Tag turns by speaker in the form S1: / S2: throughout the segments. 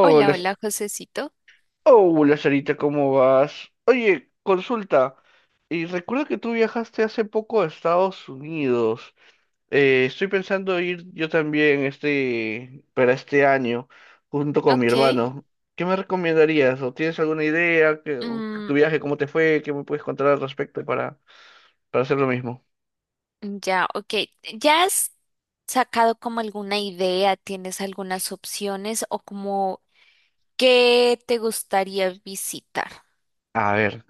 S1: Hola, hola, Josecito.
S2: Hola Sarita, ¿cómo vas? Oye, consulta, y recuerdo que tú viajaste hace poco a Estados Unidos. Estoy pensando ir yo también para este año, junto con mi
S1: Ok.
S2: hermano. ¿Qué me recomendarías? ¿O tienes alguna idea? ¿O
S1: mm,
S2: tu viaje, cómo te fue? ¿Qué me puedes contar al respecto para hacer lo mismo?
S1: ya, ok. ¿Ya has sacado como alguna idea? ¿Tienes algunas opciones o como qué te gustaría visitar?
S2: A ver,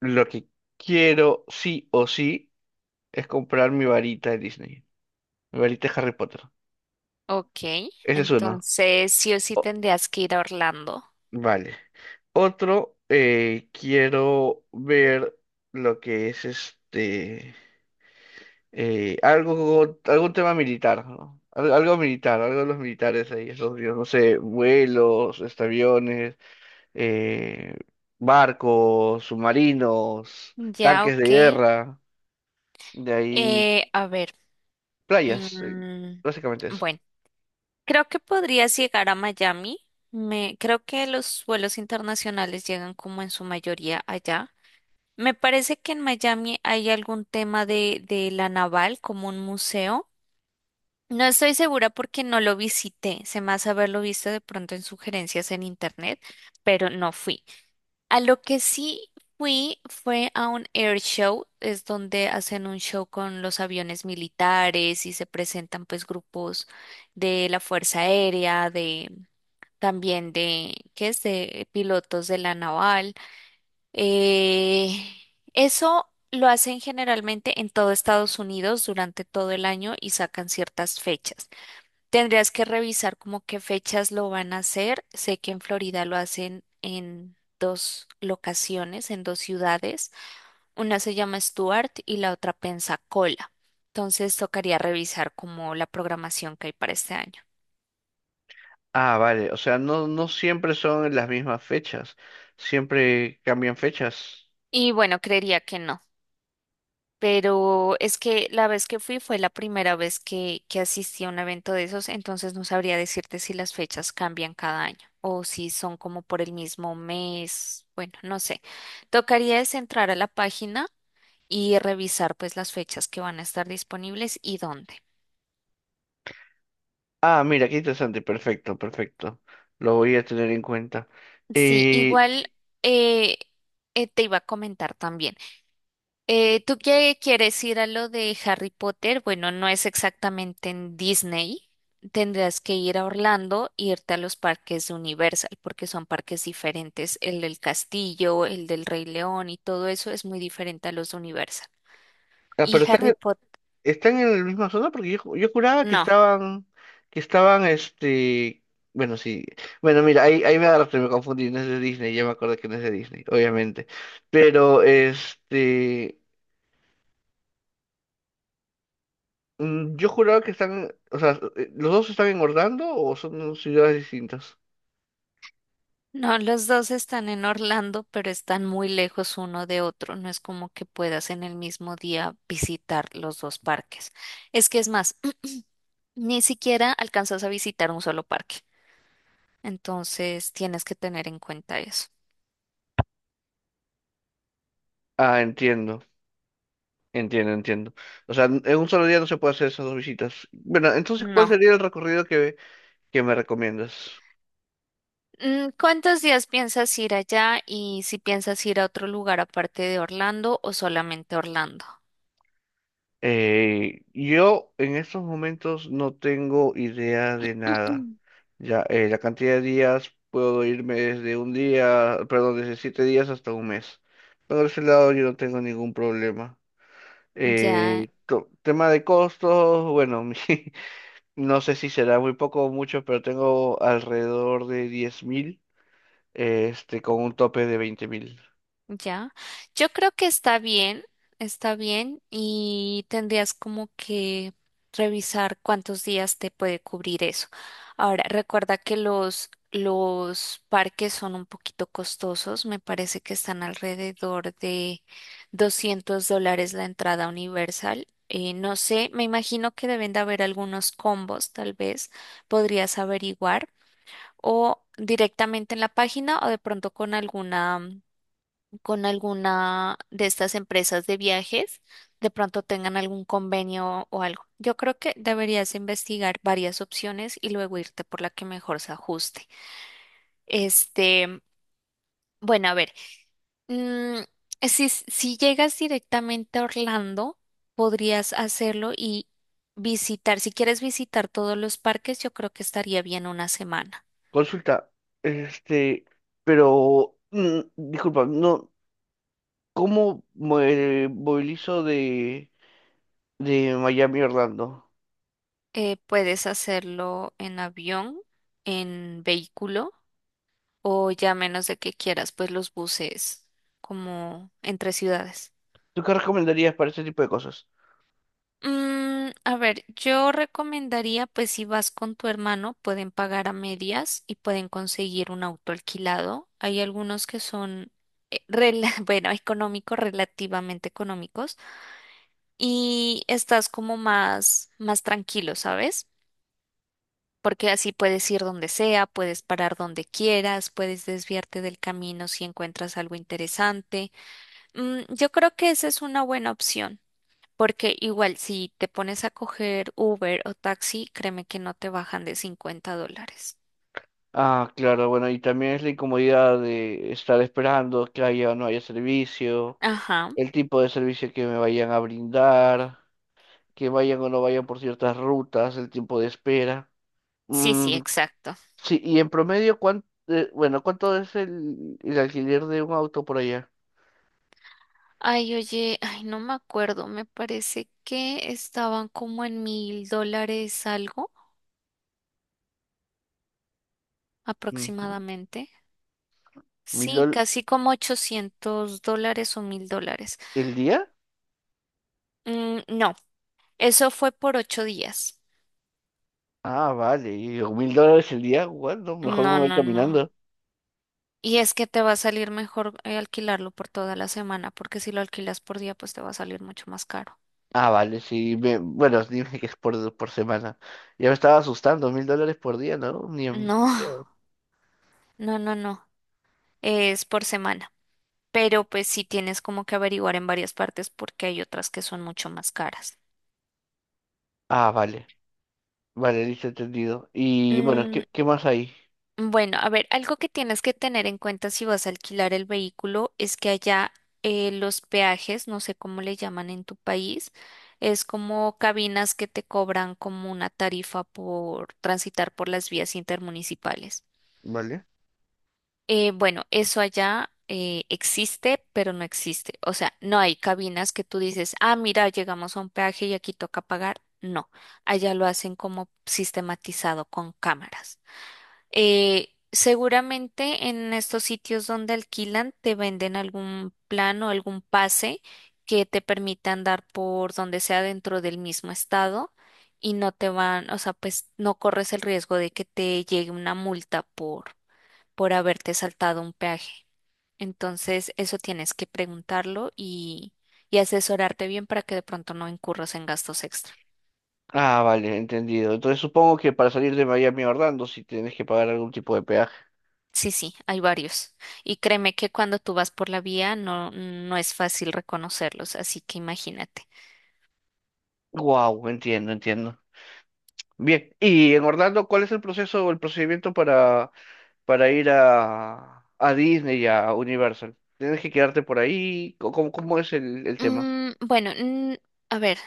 S2: lo que quiero sí o sí es comprar mi varita de Disney, mi varita de Harry Potter.
S1: Ok.
S2: Ese es uno.
S1: Entonces, sí o sí tendrías que ir a Orlando.
S2: Vale. Otro, quiero ver lo que es algún tema militar, ¿no? Algo, militar, algo de los militares ahí, esos dios, no sé, vuelos, aviones, eh, barcos, submarinos,
S1: Ya,
S2: tanques de
S1: ok.
S2: guerra, de ahí
S1: A ver.
S2: playas,
S1: mm,
S2: básicamente eso.
S1: bueno, creo que podrías llegar a Miami. Me, creo que los vuelos internacionales llegan como en su mayoría allá. Me parece que en Miami hay algún tema de la naval como un museo. No estoy segura porque no lo visité, se me hace haberlo visto de pronto en sugerencias en internet, pero no fui. A lo que sí fui fue a un air show, es donde hacen un show con los aviones militares y se presentan pues grupos de la Fuerza Aérea, de también de, ¿qué es? De pilotos de la naval. Eh, eso lo hacen generalmente en todo Estados Unidos durante todo el año y sacan ciertas fechas. Tendrías que revisar como qué fechas lo van a hacer. Sé que en Florida lo hacen en dos locaciones, en dos ciudades. Una se llama Stuart y la otra Pensacola. Entonces tocaría revisar como la programación que hay para este año.
S2: Ah, vale, o sea, no, no siempre son en las mismas fechas, siempre cambian fechas.
S1: Y bueno, creería que no. Pero es que la vez que fui fue la primera vez que asistí a un evento de esos, entonces no sabría decirte si las fechas cambian cada año o si son como por el mismo mes. Bueno, no sé. Tocaría es entrar a la página y revisar pues las fechas que van a estar disponibles y dónde.
S2: Ah, mira, qué interesante, perfecto, perfecto. Lo voy a tener en cuenta.
S1: Sí,
S2: Eh,
S1: igual eh, te iba a comentar también. ¿Tú qué quieres ir a lo de Harry Potter? Bueno, no es exactamente en Disney. Tendrás que ir a Orlando e irte a los parques de Universal, porque son parques diferentes. El del castillo, el del Rey León y todo eso es muy diferente a los de Universal.
S2: ah,
S1: Y
S2: pero están,
S1: Harry Potter,
S2: están en la misma zona porque yo juraba que
S1: no,
S2: estaban, que estaban, este, bueno, sí. Bueno, mira, ahí, ahí me agarraste, me confundí, no es de Disney, ya me acordé que no es de Disney, obviamente. Pero, yo juraba que están, o sea, ¿los dos están en Orlando o son ciudades distintas?
S1: no, los dos están en Orlando, pero están muy lejos uno de otro. No es como que puedas en el mismo día visitar los dos parques. Es que es más, ni siquiera alcanzas a visitar un solo parque. Entonces tienes que tener en cuenta eso.
S2: Ah, entiendo. Entiendo, entiendo. O sea, en un solo día no se puede hacer esas dos visitas. Bueno, entonces, ¿cuál
S1: No.
S2: sería el recorrido que me recomiendas?
S1: Mm, ¿cuántos días piensas ir allá y si piensas ir a otro lugar aparte de Orlando o solamente Orlando?
S2: Yo en estos momentos no tengo idea de nada. Ya, la cantidad de días puedo irme desde un día, perdón, desde 7 días hasta un mes. Por ese lado yo no tengo ningún problema.
S1: Ya.
S2: Tema de costos, bueno, no sé si será muy poco o mucho, pero tengo alrededor de 10,000 con un tope de 20,000.
S1: Ya, yo creo que está bien y tendrías como que revisar cuántos días te puede cubrir eso. Ahora, recuerda que los parques son un poquito costosos, me parece que están alrededor de $200 la entrada universal. No sé, me imagino que deben de haber algunos combos, tal vez podrías averiguar o directamente en la página o de pronto con alguna de estas empresas de viajes, de pronto tengan algún convenio o algo. Yo creo que deberías investigar varias opciones y luego irte por la que mejor se ajuste. Este, bueno, a ver, mm, si, si llegas directamente a Orlando, podrías hacerlo y visitar, si quieres visitar todos los parques, yo creo que estaría bien una semana.
S2: Consulta, este, pero, disculpa, no, ¿cómo me movilizo de Miami a Orlando?
S1: Puedes hacerlo en avión, en vehículo. O ya menos de que quieras, pues los buses como entre ciudades.
S2: ¿Tú qué recomendarías para ese tipo de cosas?
S1: Mm, a ver, yo recomendaría, pues si vas con tu hermano, pueden pagar a medias y pueden conseguir un auto alquilado. Hay algunos que bueno, económicos, relativamente económicos, y estás como más tranquilo, ¿sabes? Porque así puedes ir donde sea, puedes parar donde quieras, puedes desviarte del camino si encuentras algo interesante. Mm, yo creo que esa es una buena opción, porque igual si te pones a coger Uber o taxi, créeme que no te bajan de $50.
S2: Ah, claro, bueno, y también es la incomodidad de estar esperando que haya o no haya servicio,
S1: Ajá,
S2: el tipo de servicio que me vayan a brindar, que vayan o no vayan por ciertas rutas, el tiempo de espera.
S1: sí, sí,
S2: Mm,
S1: exacto.
S2: sí, y en promedio, bueno, ¿cuánto es el alquiler de un auto por allá?
S1: Ay, oye, ay, no me acuerdo, me parece que estaban como en $1,000 algo
S2: Ujú.
S1: aproximadamente.
S2: ¿Mil
S1: Sí,
S2: dólares
S1: casi como $800 o $1,000.
S2: el día?
S1: Mm, no, eso fue por 8 días.
S2: Ah, vale. ¿$1,000 el día? Bueno, no, mejor me
S1: No,
S2: voy
S1: no, no.
S2: caminando.
S1: Y es que te va a salir mejor alquilarlo por toda la semana, porque si lo alquilas por día, pues te va a salir mucho más caro.
S2: Ah, vale, sí. Bueno, dime que es por semana. Ya me estaba asustando, $1,000 por día, ¿no? Ni en
S1: No,
S2: pedo.
S1: no. Es por semana. Pero pues sí tienes como que averiguar en varias partes porque hay otras que son mucho más caras.
S2: Ah, vale. Vale, listo, entendido. Y bueno,
S1: Mm,
S2: ¿qué más hay?
S1: Bueno, a ver, algo que tienes que tener en cuenta si vas a alquilar el vehículo es que allá los peajes, no sé cómo le llaman en tu país, es como cabinas que te cobran como una tarifa por transitar por las vías intermunicipales.
S2: Vale.
S1: Bueno, eso allá existe, pero no existe. O sea, no hay cabinas que tú dices, ah, mira, llegamos a un peaje y aquí toca pagar. No, allá lo hacen como sistematizado con cámaras. Seguramente en estos sitios donde alquilan te venden algún plan o algún pase que te permita andar por donde sea dentro del mismo estado y no te van, o sea, pues no corres el riesgo de que te llegue una multa por haberte saltado un peaje. Entonces, eso tienes que preguntarlo y asesorarte bien para que de pronto no incurras en gastos extra.
S2: Ah, vale, entendido. Entonces supongo que para salir de Miami a Orlando sí tienes que pagar algún tipo de peaje.
S1: Sí, sí, hay varios. Y créeme que cuando tú vas por la vía no es fácil reconocerlos, así que imagínate.
S2: Wow, entiendo, entiendo. Bien, y en Orlando, ¿cuál es el proceso o el procedimiento para ir a Disney y a Universal? ¿Tienes que quedarte por ahí? ¿Cómo es el tema?
S1: Mm, bueno, mm, a ver,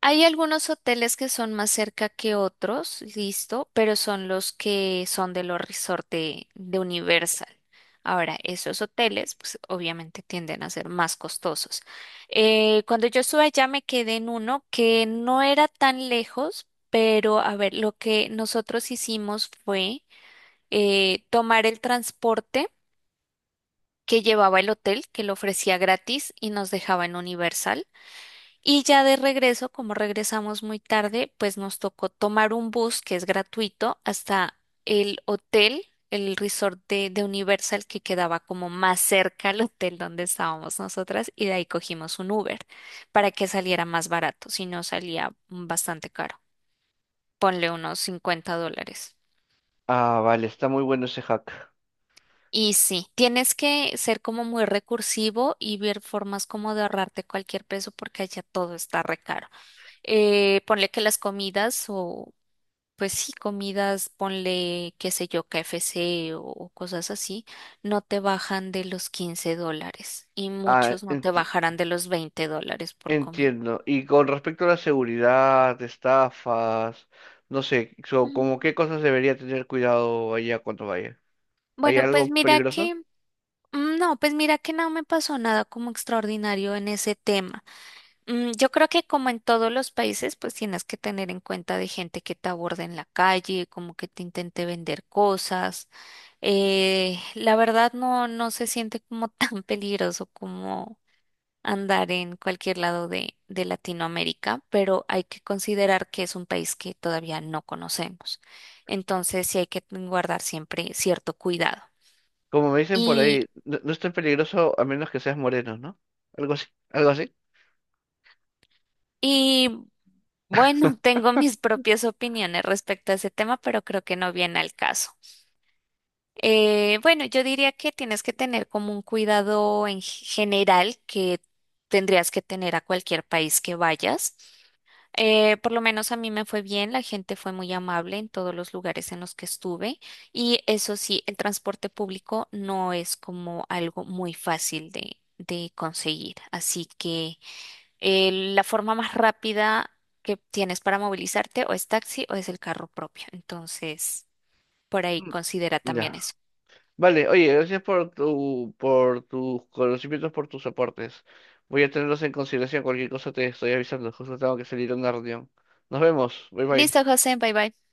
S1: hay algunos hoteles que son más cerca que otros, listo, pero son los que son de los resorts de Universal. Ahora, esos hoteles, pues obviamente tienden a ser más costosos. Cuando yo estuve allá me quedé en uno que no era tan lejos, pero a ver, lo que nosotros hicimos fue… tomar el transporte que llevaba el hotel, que lo ofrecía gratis y nos dejaba en Universal. Y ya de regreso, como regresamos muy tarde, pues nos tocó tomar un bus que es gratuito hasta el hotel, el resort de Universal que quedaba como más cerca al hotel donde estábamos nosotras y de ahí cogimos un Uber para que saliera más barato, si no salía bastante caro. Ponle unos $50.
S2: Ah, vale, está muy bueno ese hack.
S1: Y sí, tienes que ser como muy recursivo y ver formas como de ahorrarte cualquier peso porque allá todo está re caro. Ponle que las comidas o pues sí, comidas, ponle qué sé yo, KFC o cosas así, no te bajan de los $15 y
S2: Ah,
S1: muchos no te bajarán de los $20 por comida.
S2: entiendo. Y con respecto a la seguridad, estafas, no sé, como
S1: Mm.
S2: qué cosas debería tener cuidado allá cuando vaya. ¿Hay
S1: Bueno, pues
S2: algo
S1: mira
S2: peligroso?
S1: que, no, pues mira que no me pasó nada como extraordinario en ese tema. Mm, yo creo que como en todos los países, pues tienes que tener en cuenta de gente que te aborda en la calle, como que te intente vender cosas. La verdad no se siente como tan peligroso como andar en cualquier lado de Latinoamérica, pero hay que considerar que es un país que todavía no conocemos. Entonces sí hay que guardar siempre cierto cuidado.
S2: Como me dicen por
S1: Y,
S2: ahí, no, no es tan peligroso a menos que seas moreno, ¿no? Algo así, algo así.
S1: y bueno, tengo mis propias opiniones respecto a ese tema, pero creo que no viene al caso. Bueno, yo diría que tienes que tener como un cuidado en general que tendrías que tener a cualquier país que vayas. Por lo menos a mí me fue bien, la gente fue muy amable en todos los lugares en los que estuve y eso sí, el transporte público no es como algo muy fácil de conseguir. Así que la forma más rápida que tienes para movilizarte o es taxi o es el carro propio. Entonces, por ahí
S2: Mm,
S1: considera también
S2: ya.
S1: eso.
S2: Vale, oye, gracias por tus conocimientos, por tus aportes. Voy a tenerlos en consideración. Cualquier cosa te estoy avisando. Justo tengo que salir a una reunión. Nos vemos. Bye bye.
S1: Listo, José, bye bye.